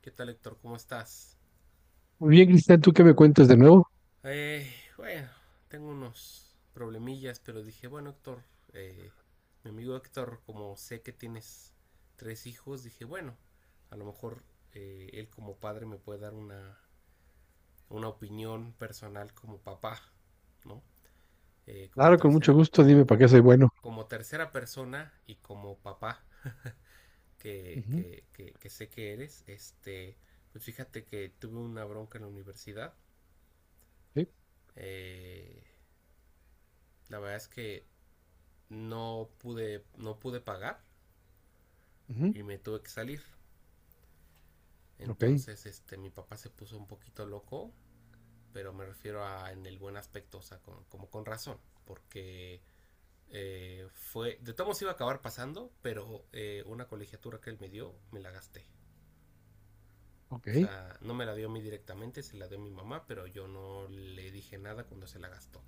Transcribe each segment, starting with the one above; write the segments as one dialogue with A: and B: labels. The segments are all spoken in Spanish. A: ¿Qué tal, Héctor? ¿Cómo estás?
B: Muy bien, Cristian, ¿tú qué me cuentas de nuevo?
A: Bueno, tengo unos problemillas, pero dije, bueno, Héctor, eh, mi amigo Héctor, como sé que tienes tres hijos, dije, bueno, a lo mejor él como padre me puede dar una opinión personal como papá, ¿no? Eh, como
B: Claro, con mucho
A: tercera,
B: gusto, dime
A: como,
B: para
A: co-
B: qué soy bueno.
A: como tercera persona y como papá que,
B: Ujú.
A: que, que, que sé que eres, este, pues fíjate que tuve una bronca en la universidad.
B: Sí,
A: eh, La verdad es que no pude pagar
B: ujú,
A: y me tuve que salir.
B: ok,
A: Entonces, este, mi papá se puso un poquito loco, pero me refiero a en el buen aspecto, o sea, como con razón, porque de todos modos iba a acabar pasando, pero una colegiatura que él me dio, me la gasté.
B: ok,
A: O sea, no me la dio a mí directamente, se la dio a mi mamá, pero yo no le dije nada cuando se la gastó.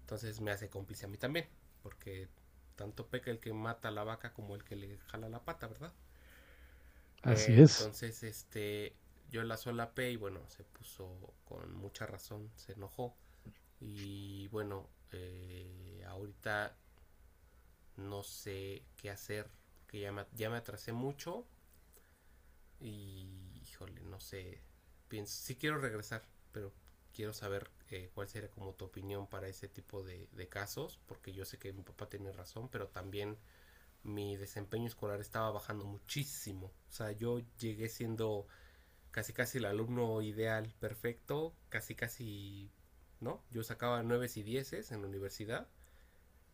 A: Entonces me hace cómplice a mí también, porque tanto peca el que mata a la vaca como el que le jala la pata, ¿verdad? Eh,
B: así es.
A: entonces, este, yo la solapé y bueno, se puso con mucha razón, se enojó. Y bueno, ahorita no sé qué hacer, porque ya me atrasé mucho y híjole, no sé, pienso, sí quiero regresar, pero quiero saber cuál sería como tu opinión para ese tipo de casos, porque yo sé que mi papá tenía razón, pero también mi desempeño escolar estaba bajando muchísimo. O sea, yo llegué siendo casi casi el alumno ideal, perfecto, casi casi, ¿no? Yo sacaba nueves y dieces en la universidad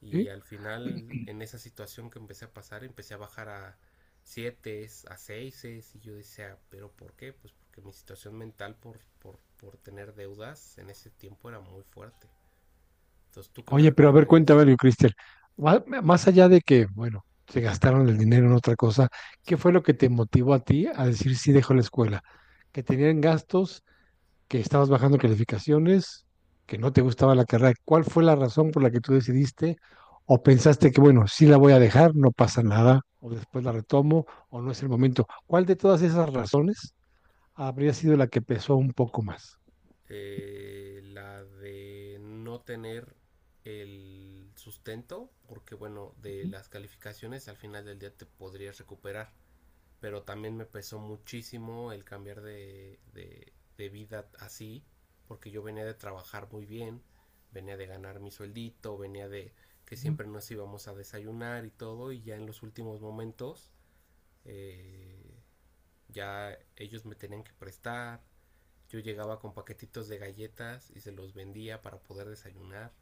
A: y
B: Sí.
A: al final en esa situación que empecé a pasar empecé a bajar a siete, a seises y yo decía, pero ¿por qué? Pues porque mi situación mental por tener deudas en ese tiempo era muy fuerte. Entonces, ¿tú qué me
B: Oye, pero a ver, cuéntame
A: recomendarías?
B: algo, Cristian. Más allá de que, bueno, se gastaron el dinero en otra cosa, ¿qué
A: Sí.
B: fue lo que te motivó a ti a decir sí dejo la escuela? ¿Que tenían gastos, que estabas bajando calificaciones, que no te gustaba la carrera? ¿Cuál fue la razón por la que tú decidiste? ¿O pensaste que, bueno, sí la voy a dejar, no pasa nada, o después la retomo, o no es el momento? ¿Cuál de todas esas razones habría sido la que pesó un poco más?
A: La de no tener el sustento, porque bueno, de
B: Ujú,
A: las calificaciones al final del día te podrías recuperar, pero también me pesó muchísimo el cambiar de vida así, porque yo venía de trabajar muy bien, venía de ganar mi sueldito, venía de que
B: ujú,
A: siempre nos íbamos a desayunar y todo, y ya en los últimos momentos eh, ya ellos me tenían que prestar, yo llegaba con paquetitos de galletas y se los vendía para poder desayunar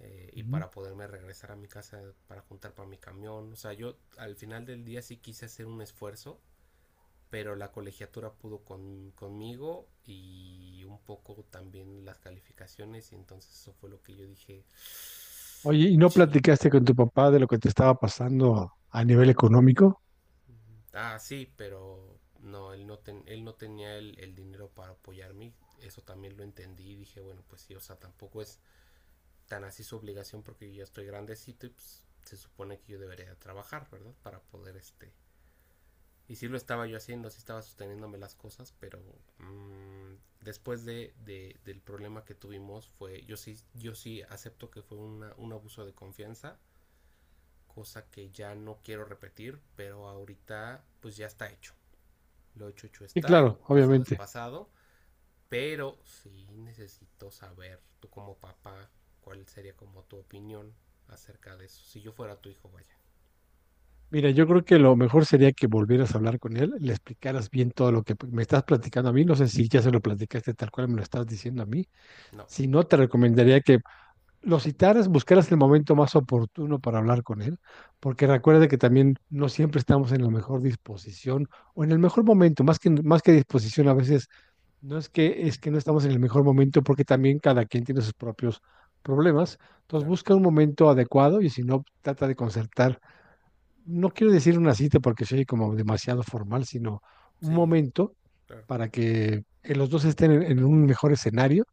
A: y
B: ujú.
A: para poderme regresar a mi casa para juntar para mi camión. O sea, yo al final del día sí quise hacer un esfuerzo, pero la colegiatura pudo conmigo y un poco también las calificaciones y entonces eso fue lo que yo dije,
B: Oye, ¿y no
A: chin.
B: platicaste con tu papá de lo que te estaba pasando a nivel económico?
A: Ah, sí, pero no, él no tenía el dinero para apoyarme. Eso también lo entendí y dije, bueno, pues sí, o sea, tampoco es tan así su obligación porque yo ya estoy grandecito y pues se supone que yo debería trabajar, ¿verdad? Para poder este... Y sí lo estaba yo haciendo, sí estaba sosteniéndome las cosas, pero después del problema que tuvimos yo sí acepto que fue un abuso de confianza, cosa que ya no quiero repetir, pero ahorita pues ya está hecho. Lo hecho, hecho
B: Sí,
A: está, el
B: claro,
A: pasado es
B: obviamente.
A: pasado, pero sí necesito saber, tú como papá, cuál sería como tu opinión acerca de eso. Si yo fuera tu hijo, vaya.
B: Mira, yo creo que lo mejor sería que volvieras a hablar con él, le explicaras bien todo lo que me estás platicando a mí. No sé si ya se lo platicaste tal cual me lo estás diciendo a mí.
A: No,
B: Si no, te recomendaría que lo citaras, buscaras el momento más oportuno para hablar con él, porque recuerda que también no siempre estamos en la mejor disposición o en el mejor momento, más que disposición, a veces. No es que, es que no estamos en el mejor momento porque también cada quien tiene sus propios problemas. Entonces
A: claro.
B: busca un momento adecuado y si no, trata de concertar. No quiero decir una cita porque soy como demasiado formal, sino un
A: Sí,
B: momento
A: claro,
B: para que los dos estén en un mejor escenario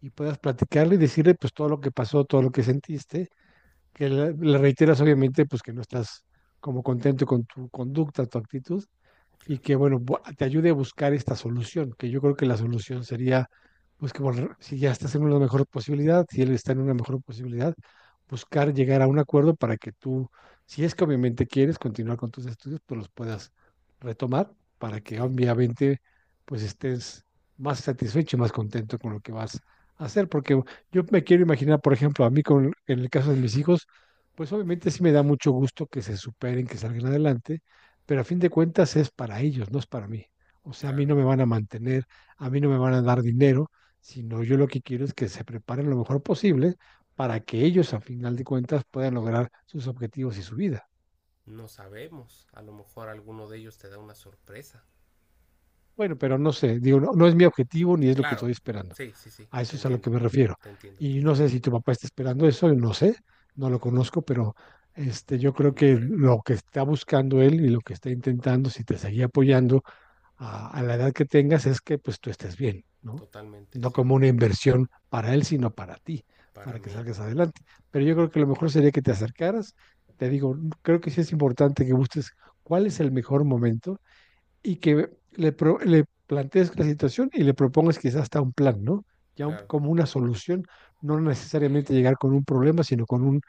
B: y puedas platicarle y decirle pues todo lo que pasó, todo lo que sentiste, que le reiteras obviamente pues que no estás como contento con tu conducta, tu actitud y
A: claro.
B: que, bueno, te ayude a buscar esta solución, que yo creo que la solución sería, pues que si ya estás en una mejor posibilidad, si él está en una mejor posibilidad, buscar llegar a un acuerdo para que tú, si es que obviamente quieres continuar con tus estudios, pues los puedas retomar para que
A: Sí,
B: obviamente pues estés más satisfecho y más contento con lo que vas a hacer, porque yo me quiero imaginar, por ejemplo, a mí en el caso de mis hijos, pues obviamente sí me da mucho gusto que se superen, que salgan adelante, pero a fin de cuentas es para ellos, no es para mí. O sea, a mí
A: claro.
B: no me van a mantener, a mí no me van a dar dinero, sino yo lo que quiero es que se preparen lo mejor posible para que ellos, a final de cuentas, puedan lograr sus objetivos y su vida.
A: No sabemos. A lo mejor alguno de ellos te da una sorpresa.
B: Bueno, pero no sé, digo, no, no es mi objetivo ni es lo que
A: Claro.
B: estoy esperando.
A: Sí, sí, sí.
B: A
A: Te
B: eso es a lo que
A: entiendo.
B: me refiero.
A: Te entiendo, te
B: Y no sé
A: entiendo.
B: si tu papá está esperando eso, no sé, no lo conozco, pero este, yo creo
A: No
B: que
A: creo.
B: lo que está buscando él y lo que está intentando, si te seguía apoyando a la edad que tengas es que pues tú estés bien, ¿no?
A: Totalmente,
B: No
A: sí.
B: como una inversión para él, sino para ti,
A: Para
B: para que
A: mí,
B: salgas adelante. Pero yo
A: sí.
B: creo que lo mejor sería que te acercaras. Te digo, creo que sí es importante que busques cuál es el mejor momento y que le plantees la situación y le propongas quizás hasta un plan, ¿no? Ya un,
A: Claro.
B: como una solución, no necesariamente llegar con un problema, sino con un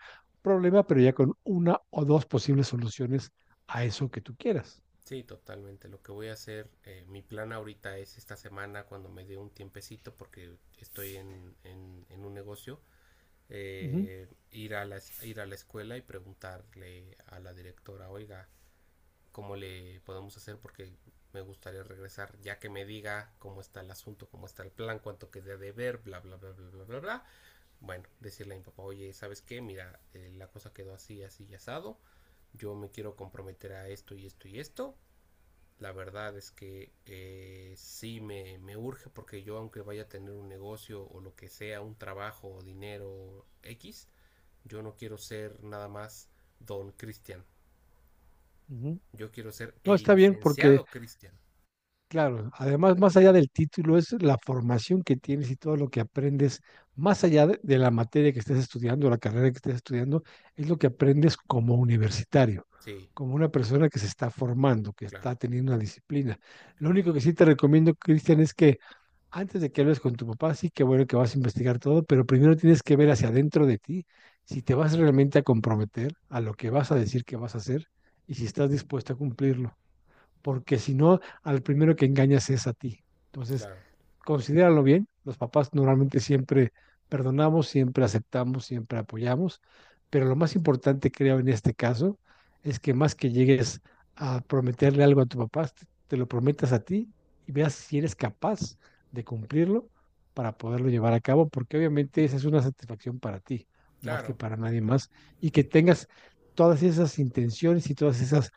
B: problema, pero ya con una o dos posibles soluciones a eso que tú quieras.
A: Sí, totalmente. Lo que voy a hacer, mi plan ahorita es esta semana cuando me dé un tiempecito porque estoy en un negocio,
B: Uh -huh,
A: ir a la escuela y preguntarle a la directora, oiga, ¿cómo le podemos hacer? Porque me gustaría regresar ya que me diga cómo está el asunto, cómo está el plan, cuánto queda de ver, bla, bla, bla, bla, bla, bla, bla. Bueno, decirle a mi papá, oye, ¿sabes qué? Mira, la cosa quedó así, así y asado. Yo me quiero comprometer a esto y esto y esto. La verdad es que sí me urge porque yo aunque vaya a tener un negocio o lo que sea, un trabajo o dinero X, yo no quiero ser nada más don Cristian.
B: uh -huh.
A: Yo quiero ser
B: No,
A: el
B: está bien porque
A: licenciado Cristian.
B: claro, además, más allá del título, es la formación que tienes y todo lo que aprendes, más allá de la materia que estés estudiando, la carrera que estés estudiando, es lo que aprendes como universitario,
A: Sí,
B: como una persona que se está formando, que
A: claro,
B: está teniendo una disciplina. Lo
A: claro,
B: único que
A: claro.
B: sí te recomiendo, Cristian, es que antes de que hables con tu papá, sí que bueno que vas a investigar todo, pero primero tienes que ver hacia adentro de ti si te vas realmente a comprometer a lo que vas a decir que vas a hacer y si estás dispuesto a cumplirlo porque si no, al primero que engañas es a ti. Entonces,
A: Claro,
B: considéralo bien. Los papás normalmente siempre perdonamos, siempre aceptamos, siempre apoyamos, pero lo más importante creo en este caso es que más que llegues a prometerle algo a tu papá, te lo prometas a ti y veas si eres capaz de cumplirlo para poderlo llevar a cabo, porque obviamente esa es una satisfacción para ti, más que
A: claro.
B: para nadie más, y que tengas todas esas intenciones y todas esas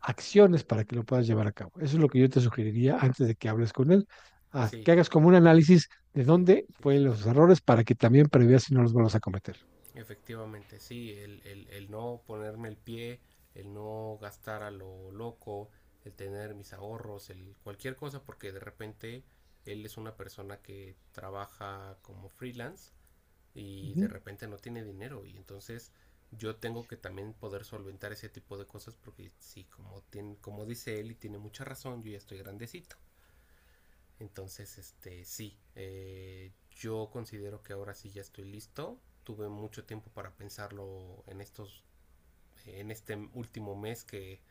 B: acciones para que lo puedas llevar a cabo. Eso es lo que yo te sugeriría antes de que hables con él,
A: Sí,
B: que hagas como un análisis de
A: sí,
B: dónde
A: sí,
B: fueron
A: sí, sí.
B: los errores para que también preveas si no los vuelvas a cometer.
A: Efectivamente, sí, el no ponerme el pie, el no gastar a lo loco, el tener mis ahorros, el cualquier cosa, porque de repente él es una persona que trabaja como freelance y de
B: Ujú,
A: repente no tiene dinero y entonces yo tengo que también poder solventar ese tipo de cosas porque sí, como dice él y tiene mucha razón, yo ya estoy grandecito. Entonces, este, sí, yo considero que ahora sí ya estoy listo. Tuve mucho tiempo para pensarlo en este último mes que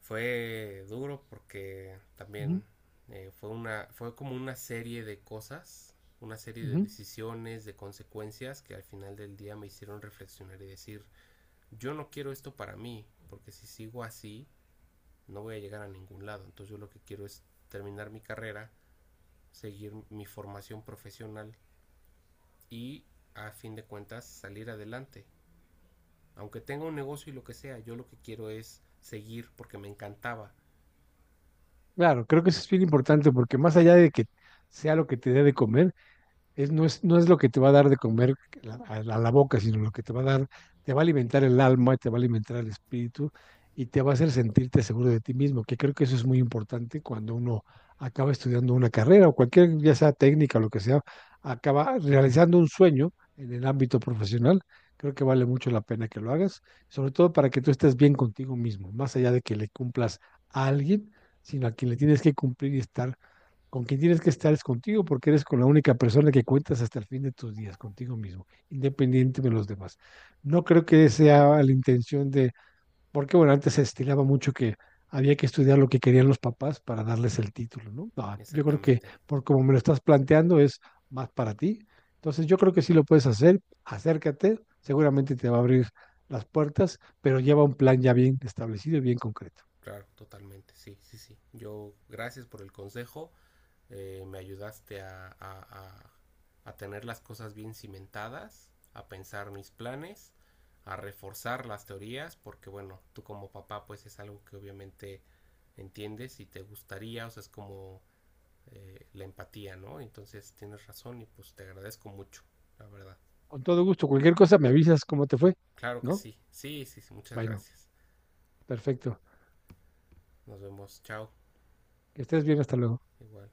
A: fue duro porque
B: ujú,
A: también fue como una serie de cosas, una serie de
B: ujú.
A: decisiones, de consecuencias que al final del día me hicieron reflexionar y decir, yo no quiero esto para mí, porque si sigo así no voy a llegar a ningún lado. Entonces yo lo que quiero es terminar mi carrera, seguir mi formación profesional y a fin de cuentas salir adelante. Aunque tenga un negocio y lo que sea, yo lo que quiero es seguir porque me encantaba.
B: Claro, creo que eso es bien importante porque más allá de que sea lo que te dé de comer, es, no es lo que te va a dar de comer a la boca, sino lo que te va a dar, te va a alimentar el alma, te va a alimentar el espíritu y te va a hacer sentirte seguro de ti mismo, que creo que eso es muy importante cuando uno acaba estudiando una carrera o cualquier, ya sea técnica o lo que sea, acaba realizando un sueño en el ámbito profesional. Creo que vale mucho la pena que lo hagas, sobre todo para que tú estés bien contigo mismo, más allá de que le cumplas a alguien, sino a quien le tienes que cumplir y estar con quien tienes que estar es contigo porque eres con la única persona que cuentas hasta el fin de tus días, contigo mismo, independiente de los demás. No creo que sea la intención de, porque bueno, antes se estilaba mucho que había que estudiar lo que querían los papás para darles el título, ¿no? No, yo creo que
A: Exactamente,
B: por como me lo estás planteando es más para ti. Entonces yo creo que sí lo puedes hacer, acércate, seguramente te va a abrir las puertas, pero lleva un plan ya bien establecido y bien concreto.
A: claro, totalmente, sí, sí, sí. Yo, gracias por el consejo, me ayudaste a tener las cosas bien cimentadas, a pensar mis planes, a reforzar las teorías, porque bueno, tú como papá pues es algo que obviamente entiendes y te gustaría, o sea, es como la empatía, ¿no? Entonces tienes razón y pues te agradezco mucho, la verdad.
B: Con todo gusto, cualquier cosa me avisas cómo te fue,
A: Claro que
B: ¿no?
A: sí, sí, sí, sí, muchas
B: Bueno.
A: gracias.
B: Perfecto.
A: Nos vemos, chao,
B: Que estés bien, hasta luego.
A: igual.